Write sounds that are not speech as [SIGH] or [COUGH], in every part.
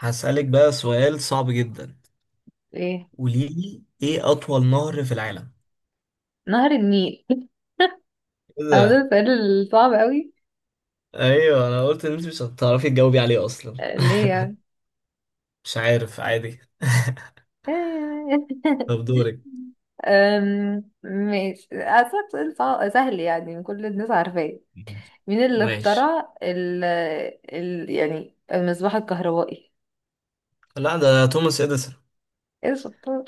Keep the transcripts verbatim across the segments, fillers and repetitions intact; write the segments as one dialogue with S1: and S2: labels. S1: هسألك بقى سؤال صعب جدا.
S2: ايه،
S1: قولي لي ايه اطول نهر في العالم؟
S2: نهر النيل.
S1: ايه
S2: [LAUGHS] او ده
S1: ده؟
S2: السؤال الصعب قوي.
S1: ايوه، انا قلت ان انت مش هتعرفي تجاوبي عليه اصلا.
S2: آه، ليه
S1: [LAUGHS]
S2: يعني؟
S1: مش عارف عادي. [LAUGHS]
S2: [LAUGHS]
S1: طب دورك.
S2: أم، ماشي، أسألك سؤال صع- سهل، يعني كل الناس عارفاه. مين اللي
S1: ماشي.
S2: اخترع ال ال يعني المصباح الكهربائي؟
S1: لا ده توماس اديسون.
S2: ايه شطار.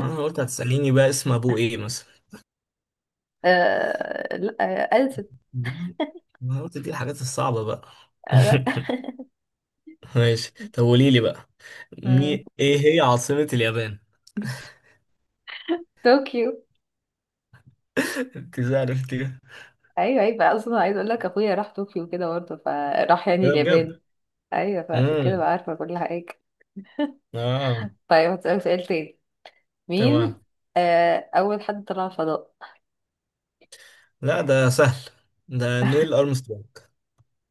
S1: انا قلت هتسأليني بقى اسم ابوه ايه مثلا.
S2: أه لا أه، ألسن.
S1: ده- انا قلت دي الحاجات الصعبة بقى.
S2: آه، لا.
S1: [LAUGHS] ماشي، طب قولي لي بقى.
S2: [LAUGHS] مم،
S1: مي... ايه هي عاصمة اليابان؟
S2: طوكيو.
S1: [LAUGHS] انت عرفتي كده؟
S2: ايوه ايوه بقى، اصلا عايز اقول لك اخويا راح طوكيو كده برضه، فراح يعني
S1: بجد.
S2: اليابان. ايوه، فعشان كده
S1: امم.
S2: بقى عارفه كل حاجه.
S1: اه.
S2: طيب هسألك سؤال تاني. مين.
S1: تمام.
S2: آه، أول حد طلع الفضاء؟
S1: لا ده سهل. ده نيل أرمسترونج.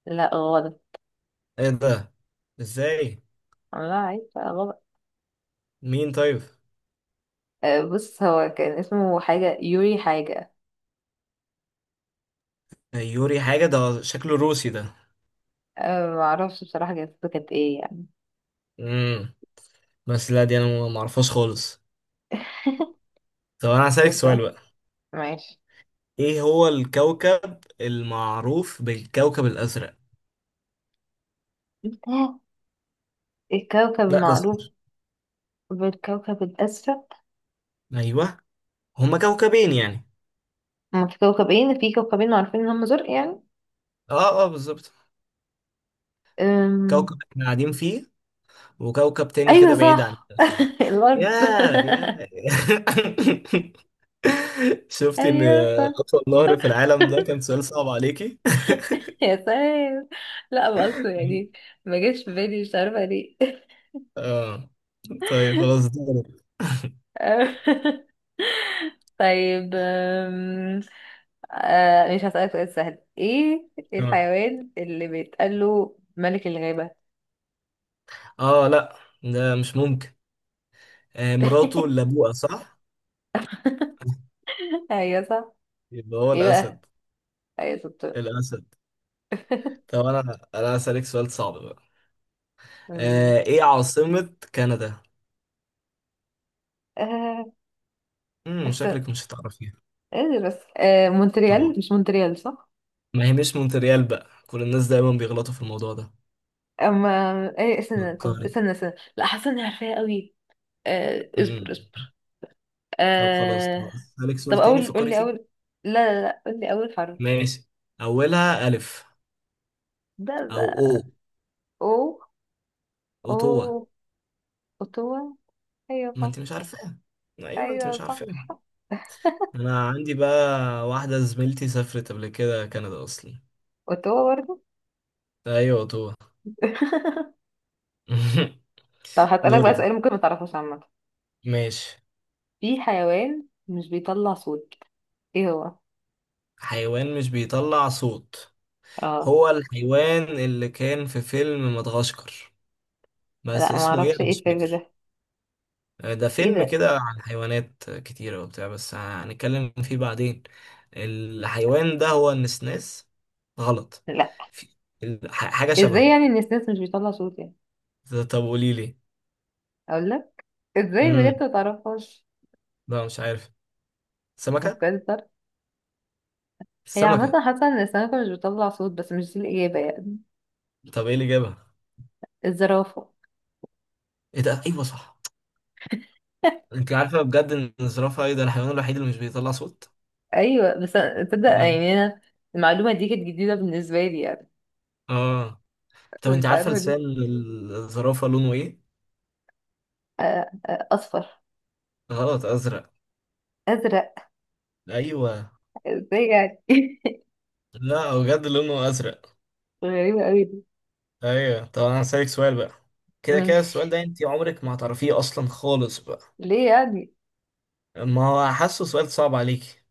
S2: لا غلط.
S1: ايه ده؟ ازاي؟
S2: عملها عيب بقى غلط.
S1: مين طيب؟
S2: آه، بص، هو كان اسمه حاجة يوري حاجة.
S1: يوري حاجة، ده شكله روسي ده.
S2: آه، معرفش بصراحة جنسيته كانت ايه يعني.
S1: امم. بس لا دي انا ما ما اعرفهاش خالص.
S2: [LAUGHS]
S1: طب انا هسألك سؤال
S2: شفتها.
S1: بقى.
S2: ماشي.
S1: ايه هو الكوكب المعروف بالكوكب الازرق؟
S2: [GASPS] آه، الكوكب
S1: لا ده
S2: المعروف
S1: صفر.
S2: بالكوكب الأسود.
S1: ايوه. هما كوكبين يعني؟
S2: هما في كوكبين في كوكبين معروفين إن هما زرق يعني.
S1: اه اه، بالظبط.
S2: أم...
S1: كوكب احنا قاعدين فيه، وكوكب تاني كده
S2: أيوة
S1: بعيد عن
S2: صح.
S1: التاني.
S2: [LAUGHS]
S1: يا
S2: الأرض.
S1: يا [LAUGHS]
S2: [LAUGHS]
S1: شفتي ان
S2: أيوة صح.
S1: اطول نهر في العالم ده
S2: [LAUGHS]
S1: كان سؤال صعب عليكي.
S2: يا سلام. لا بس يعني،
S1: [LAUGHS]
S2: ما جاش في بالي، مش عارفة ليه.
S1: اه. طيب خلاص دورك.
S2: [LAUGHS] طيب. أم... آه، مش هسألك سؤال سهل. ايه
S1: اه.
S2: الحيوان اللي بيتقال له ملك الغابة؟
S1: آه، لا. ده مش ممكن. آه، مراته اللي
S2: [LAUGHS]
S1: ابوها صح.
S2: ايوه صح.
S1: يبقى هو
S2: ايه بقى.
S1: الاسد.
S2: ايوه شطور.
S1: الاسد. طب انا انا هسألك سؤال صعب بقى.
S2: أمي.
S1: آه، ايه عاصمة كندا؟
S2: آه،
S1: امم
S2: بس
S1: شكلك مش هتعرفيها.
S2: قادر، بس آه،
S1: طبعا.
S2: مونتريال، مش مونتريال صح؟
S1: ما هي مش مونتريال بقى، كل الناس دايما بيغلطوا في الموضوع ده.
S2: اما ايه، استنى طب
S1: فكري.
S2: استنى استنى، لا حاسه اني عارفاها قوي. آه، اصبر
S1: امم.
S2: اصبر.
S1: طب خلاص، طب
S2: آه.
S1: هسألك
S2: طب
S1: سؤال تاني،
S2: اول قول
S1: فكري
S2: لي
S1: فيه.
S2: اول، لا لا لا، قول لي اول حرف.
S1: ماشي. اولها الف.
S2: ده
S1: او او.
S2: ده او. او
S1: اوتوا.
S2: اوتوا. ايوه
S1: ما
S2: صح.
S1: انت مش عارفاها. ايوه انت
S2: ايوه
S1: مش عارفاها.
S2: صح،
S1: انا عندي بقى واحده زميلتي سافرت قبل كده كندا اصلا.
S2: قلت هو برضه.
S1: ايوه اوتوا.
S2: [LAUGHS]
S1: [LAUGHS]
S2: طب هسألك بقى
S1: دورك.
S2: سؤال ممكن ما تعرفوش عامة.
S1: ماشي.
S2: في حيوان مش بيطلع صوت، ايه هو؟
S1: حيوان مش بيطلع صوت؟
S2: اه.
S1: هو الحيوان اللي كان في فيلم مدغشقر، بس
S2: لا ما
S1: اسمه ايه
S2: اعرفش
S1: انا
S2: ايه
S1: مش
S2: الفيلم
S1: فاكر.
S2: ده.
S1: ده
S2: ايه
S1: فيلم
S2: ده؟
S1: كده عن حيوانات كتيرة وبتاع، بس هنتكلم فيه بعدين. الحيوان ده هو النسناس. غلط.
S2: لا.
S1: في- ال- ح- حاجة
S2: ازاي
S1: شبهه.
S2: يعني، ان السنس مش بيطلع صوت يعني؟
S1: ط- طب قولي لي.
S2: اقول لك، ازاي بجد
S1: امم.
S2: ما تعرفهاش؟
S1: لا مش عارف. سمكة.
S2: مستنسر. هي
S1: السمكة.
S2: عامة حاسة ان السمكة مش بتطلع صوت، بس مش دي الإجابة يعني.
S1: طب ايه اللي جابها؟
S2: الزرافة.
S1: ايه ده، ايوه صح. انت عارفة بجد ان الزرافة ايه ده الحيوان الوحيد اللي مش بيطلع صوت.
S2: ايوه بس أنا- تصدق
S1: طبيعي.
S2: يعني انا المعلومة دي كانت جديدة بالنسبة لي يعني.
S1: اه. طب انت
S2: مش
S1: عارفة
S2: عارفة
S1: لسان
S2: ليه.
S1: الزرافة لونه ايه؟
S2: آه، آه، اصفر.
S1: غلط، ازرق.
S2: ازرق؟
S1: ايوه.
S2: ازاي يعني؟
S1: لا هو بجد لونه ازرق.
S2: [LAUGHS] غريبة قوي.
S1: ايوه، طب انا هسألك سؤال بقى. كده كده السؤال
S2: ماشي.
S1: ده انت عمرك ما هتعرفيه اصلا خالص بقى.
S2: ليه يعني؟
S1: ما هو حاسه سؤال صعب عليكي.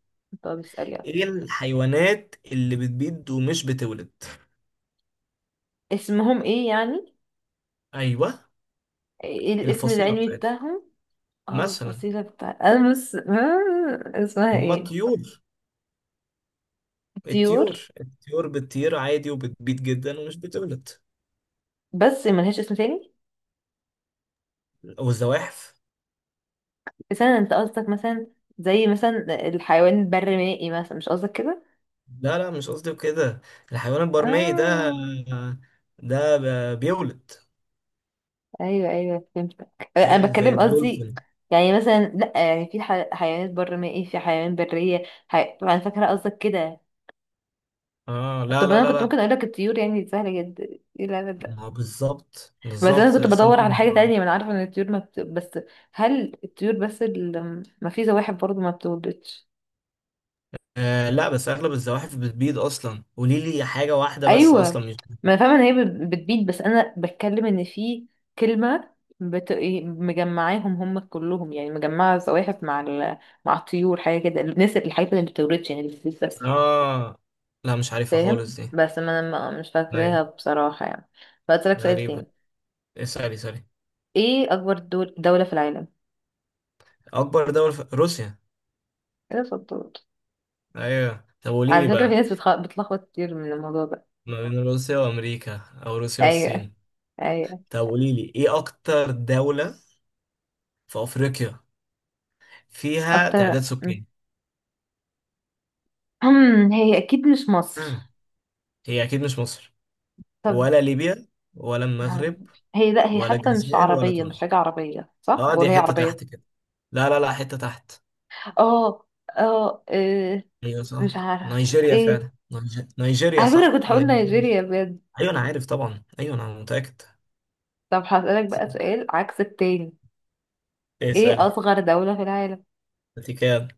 S2: طب اسأل يلا.
S1: ايه الحيوانات اللي بتبيض ومش بتولد؟
S2: اسمهم ايه يعني؟
S1: ايوه.
S2: ايه الاسم
S1: الفصيلة
S2: العلمي
S1: بتاعتهم؟
S2: بتاعهم؟ اه،
S1: مثلا.
S2: الفصيلة بتاع انا بس، آه، اسمها
S1: هما
S2: ايه؟
S1: الطيور.
S2: طيور،
S1: الطيور الطيور بتطير عادي وبتبيض جدا ومش بتولد.
S2: بس ملهاش اسم تاني؟
S1: والزواحف.
S2: مثلا انت قصدك مثلا، زي مثلا الحيوان البرمائي مثلا، مش قصدك كده؟
S1: لا لا، مش قصدي كده. الحيوان البرمائي ده،
S2: اه.
S1: ده ب- بيولد.
S2: ايوه ايوه فهمتك. آه، انا
S1: ايوه زي
S2: بتكلم قصدي
S1: الدولفين.
S2: يعني مثلا، لا يعني في ح- حيوانات برمائي، في حيوان برية. حي... انا فاكرة قصدك كده.
S1: اه لا
S2: طب
S1: لا
S2: انا
S1: لا
S2: كنت
S1: لا.
S2: ممكن اقول لك الطيور يعني، دي سهلة جدا. ايه لا.
S1: ما هو بالظبط
S2: بس انا
S1: بالظبط،
S2: كنت
S1: بس انت.
S2: بدور على حاجه تانية، ما انا عارفه ان الطيور ما بت... بس هل الطيور بس اللي، ما في زواحف برضو ما بتولدش؟
S1: آه لا، بس اغلب الزواحف بتبيض اصلا، قولي لي حاجه واحده بس
S2: ايوه،
S1: اصلا مش.
S2: ما انا فاهمه ان هي بت- بتبيض، بس انا بتكلم ان في كلمه بت... إيه، مجمعاهم هم كلهم يعني، مجمعه الزواحف مع ال... مع الطيور حاجه كده، الناس الحاجات اللي ما بتولدش يعني اللي بتبيض بس.
S1: اه لا مش عارفها
S2: فاهم
S1: خالص دي.
S2: بس ما انا ما- مش
S1: أيوة.
S2: فاكراها بصراحه يعني. فاسالك سؤال
S1: غريبه.
S2: تاني.
S1: اسالي اسالي.
S2: ايه اكبر دول... دوله في العالم؟
S1: اكبر دولة في روسيا.
S2: ايه ده، في الدول؟
S1: ايوه، طب قولي لي
S2: على فكره في
S1: بقى.
S2: ناس بتخ... بتلخبط كتير من الموضوع ده.
S1: ما بين روسيا وامريكا او روسيا
S2: ايوه.
S1: والصين.
S2: أي.
S1: طب قولي لي ايه اكتر دولة في افريقيا فيها تعداد
S2: أكتر.
S1: سكاني؟
S2: [CLEARS THROAT] هي أكيد مش مصر.
S1: آه. هي اكيد مش مصر.
S2: طب.
S1: ولا ليبيا. ولا
S2: معرف-
S1: المغرب.
S2: هي لا هي
S1: ولا
S2: حتى مش
S1: الجزائر ولا
S2: عربية، مش
S1: تونس.
S2: حاجة عربية صح،
S1: اه، دي
S2: ولا هي
S1: حتة
S2: عربية؟
S1: تحت كده. لا لا لا، حتة تحت.
S2: اه. اه. إيه،
S1: ايوه
S2: مش
S1: صح
S2: عارف.
S1: نيجيريا
S2: ايه،
S1: فعلا، نيج- نيجيريا
S2: على فكرة
S1: صح
S2: كنت هقول
S1: نيجيريا.
S2: نيجيريا بجد.
S1: ايوه انا عارف طبعا، ايوه انا متأكد.
S2: طب هسألك
S1: صح.
S2: بقى سؤال عكس التاني.
S1: إيه،
S2: ايه
S1: اسألي.
S2: أصغر دولة في العالم؟
S1: انت كام؟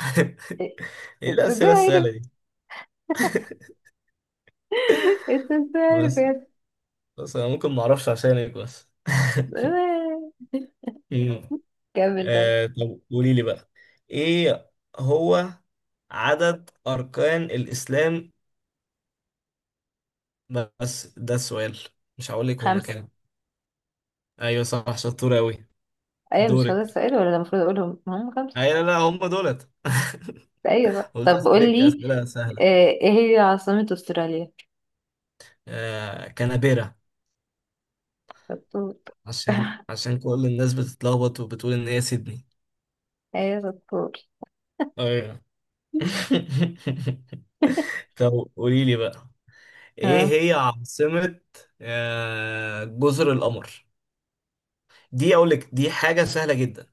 S1: [LAUGHS]
S2: إيه،
S1: ايه
S2: انت ازاي
S1: الأسئلة
S2: عارف؟
S1: السهلة دي؟
S2: [LAUGHS] انت ازاي عارف
S1: بس
S2: يا...
S1: بس انا ممكن ما اعرفش عشانك بس. [LAUGHS]
S2: [LAUGHS]
S1: مم.
S2: كمل طيب.
S1: آه، طب قولي لي بقى. ايه هو عدد اركان الاسلام؟ بس ده السؤال، مش هقول لك هما
S2: خمسة.
S1: كام. ايوه صح، شطور قوي.
S2: ايوه مش هذا
S1: دورك.
S2: السؤال ولا، ده المفروض اقولهم هم خمسة.
S1: ايوه لا لا، هما دولت. [LAUGHS]
S2: ايوه بقى.
S1: قلت
S2: طب قول
S1: اسالك
S2: لي.
S1: اسئله
S2: آه،
S1: سهله.
S2: ايه هي عاصمة استراليا؟
S1: آه، كنابيرا.
S2: شطور.
S1: عشان عشان كل الناس بتتلخبط وبتقول ان هي سيدني.
S2: ايوه شطور.
S1: ايوه. [LAUGHS]
S2: [LAUGHS]
S1: طب قولي لي بقى، ايه
S2: اه.
S1: هي عاصمة آه، جزر القمر؟ دي اقول لك دي حاجة سهلة جدا،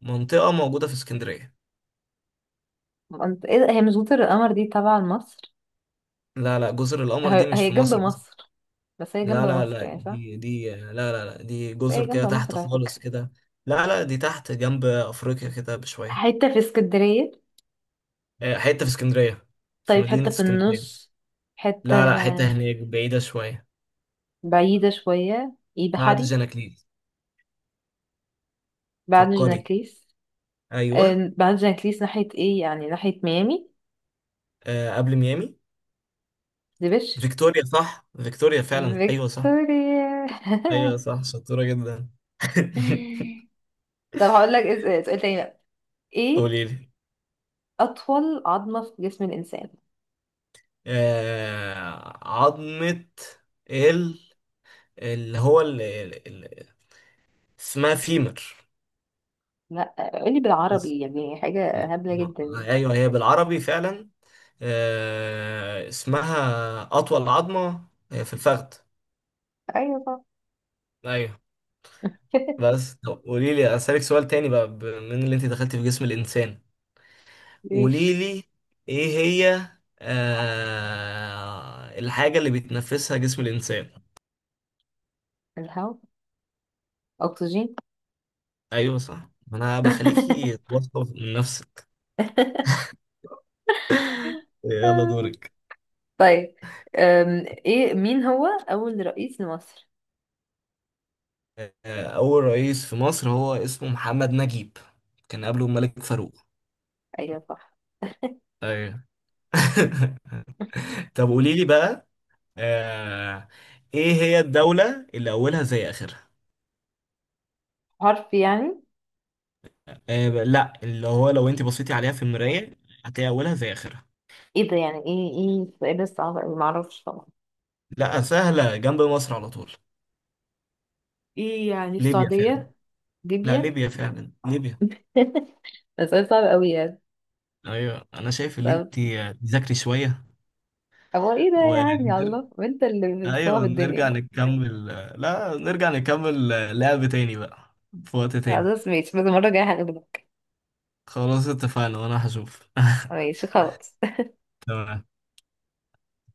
S1: منطقة موجودة في اسكندرية.
S2: انت ايه ده؟ هي مش جزر القمر دي تبع مصر؟
S1: لا لا، جزر القمر دي
S2: هي
S1: مش
S2: هي
S1: في
S2: جنب
S1: مصر أصلا.
S2: مصر. بس هي جنب
S1: لا لا
S2: مصر
S1: لا،
S2: يعني صح.
S1: دي دي لا لا لا، دي
S2: بس
S1: جزر
S2: هي جنب
S1: كده تحت
S2: مصر على فكرة.
S1: خالص كده. لا لا، دي تحت جنب افريقيا كده بشوية.
S2: حتة في اسكندرية؟
S1: آه، حتة في اسكندرية. في
S2: طيب
S1: مدينة
S2: حتة في
S1: اسكندرية.
S2: النص. حتة
S1: لا لا، حتة هناك بعيدة شوية.
S2: بعيدة شوية. ايه
S1: بعد
S2: بحري؟
S1: جاناكليس.
S2: بعد
S1: فكري.
S2: جناكليس؟
S1: ايوه.
S2: آه، بعد جناكليس ناحية ايه، يعني ناحية ميامي؟
S1: آه، قبل ميامي.
S2: دي بشر.
S1: فيكتوريا صح، فيكتوريا فعلا، ايوه صح.
S2: فيكتوريا.
S1: ايوه صح، شطورة جدا. [LAUGHS]
S2: [LAUGHS] طب هقول لك إز- سؤال تاني بقى. ايه
S1: قولي لي.
S2: اطول عظمة في جسم الانسان؟
S1: آه عظمة، ال اللي هو اللي اللي اسمها فيمر.
S2: لا قولي
S1: بس-
S2: بالعربي يعني، حاجة
S1: م-
S2: هبلة
S1: م-
S2: جدا.
S1: ايوه هي بالعربي فعلا. آه اسمها اطول عظمة آه، في الفخذ.
S2: ايوه صح.
S1: ايوه.
S2: [LAUGHS]
S1: بس طب قولي لي، اسالك سؤال تاني بقى من اللي انت دخلت في جسم الانسان. قولي
S2: ليش.
S1: لي. ايه هي آه الحاجة اللي بيتنفسها جسم الانسان؟
S2: الهواء. اكسجين.
S1: ايوه صح، ما انا بخليكي
S2: [LAUGHS]
S1: واثقه من نفسك. يلا دورك.
S2: طيب. أم، ايه، مين هو اول رئيس لمصر؟
S1: آه، اول رئيس في مصر هو اسمه محمد نجيب. كان قبله الملك فاروق.
S2: ايوه صح.
S1: ايوه. [LAUGHS] طب قولي لي بقى. آه. ايه هي الدولة اللي اولها زي اخرها؟
S2: حرف يعني؟
S1: آه، ب- لا اللي هو لو انت بصيتي عليها في المراية هتلاقي اولها زي اخرها.
S2: ايه ده يعني، ايه ايه السؤال ده صعب اوي، معرفش طبعا.
S1: لا سهلة، جنب مصر على طول.
S2: ايه يعني،
S1: ليبيا فعلا.
S2: السعودية؟
S1: لا
S2: ليبيا.
S1: ليبيا فعلا ليبيا.
S2: [LAUGHS] ده سؤال صعب اوي يعني.
S1: ايوه انا شايف ان
S2: طب.
S1: انت تذاكري شوية.
S2: هو ايه ده
S1: و
S2: يا عم يا الله، وانت اللي
S1: ايوه
S2: بتصعب
S1: نرجع
S2: الدنيا.
S1: نكمل. لا نرجع نكمل. لعب تاني بقى في وقت تاني.
S2: خلاص ماشي، بس المرة الجاية هغلبك.
S1: خلاص اتفقنا وانا هشوف.
S2: ماشي خلاص.
S1: [LAUGHS] تمام.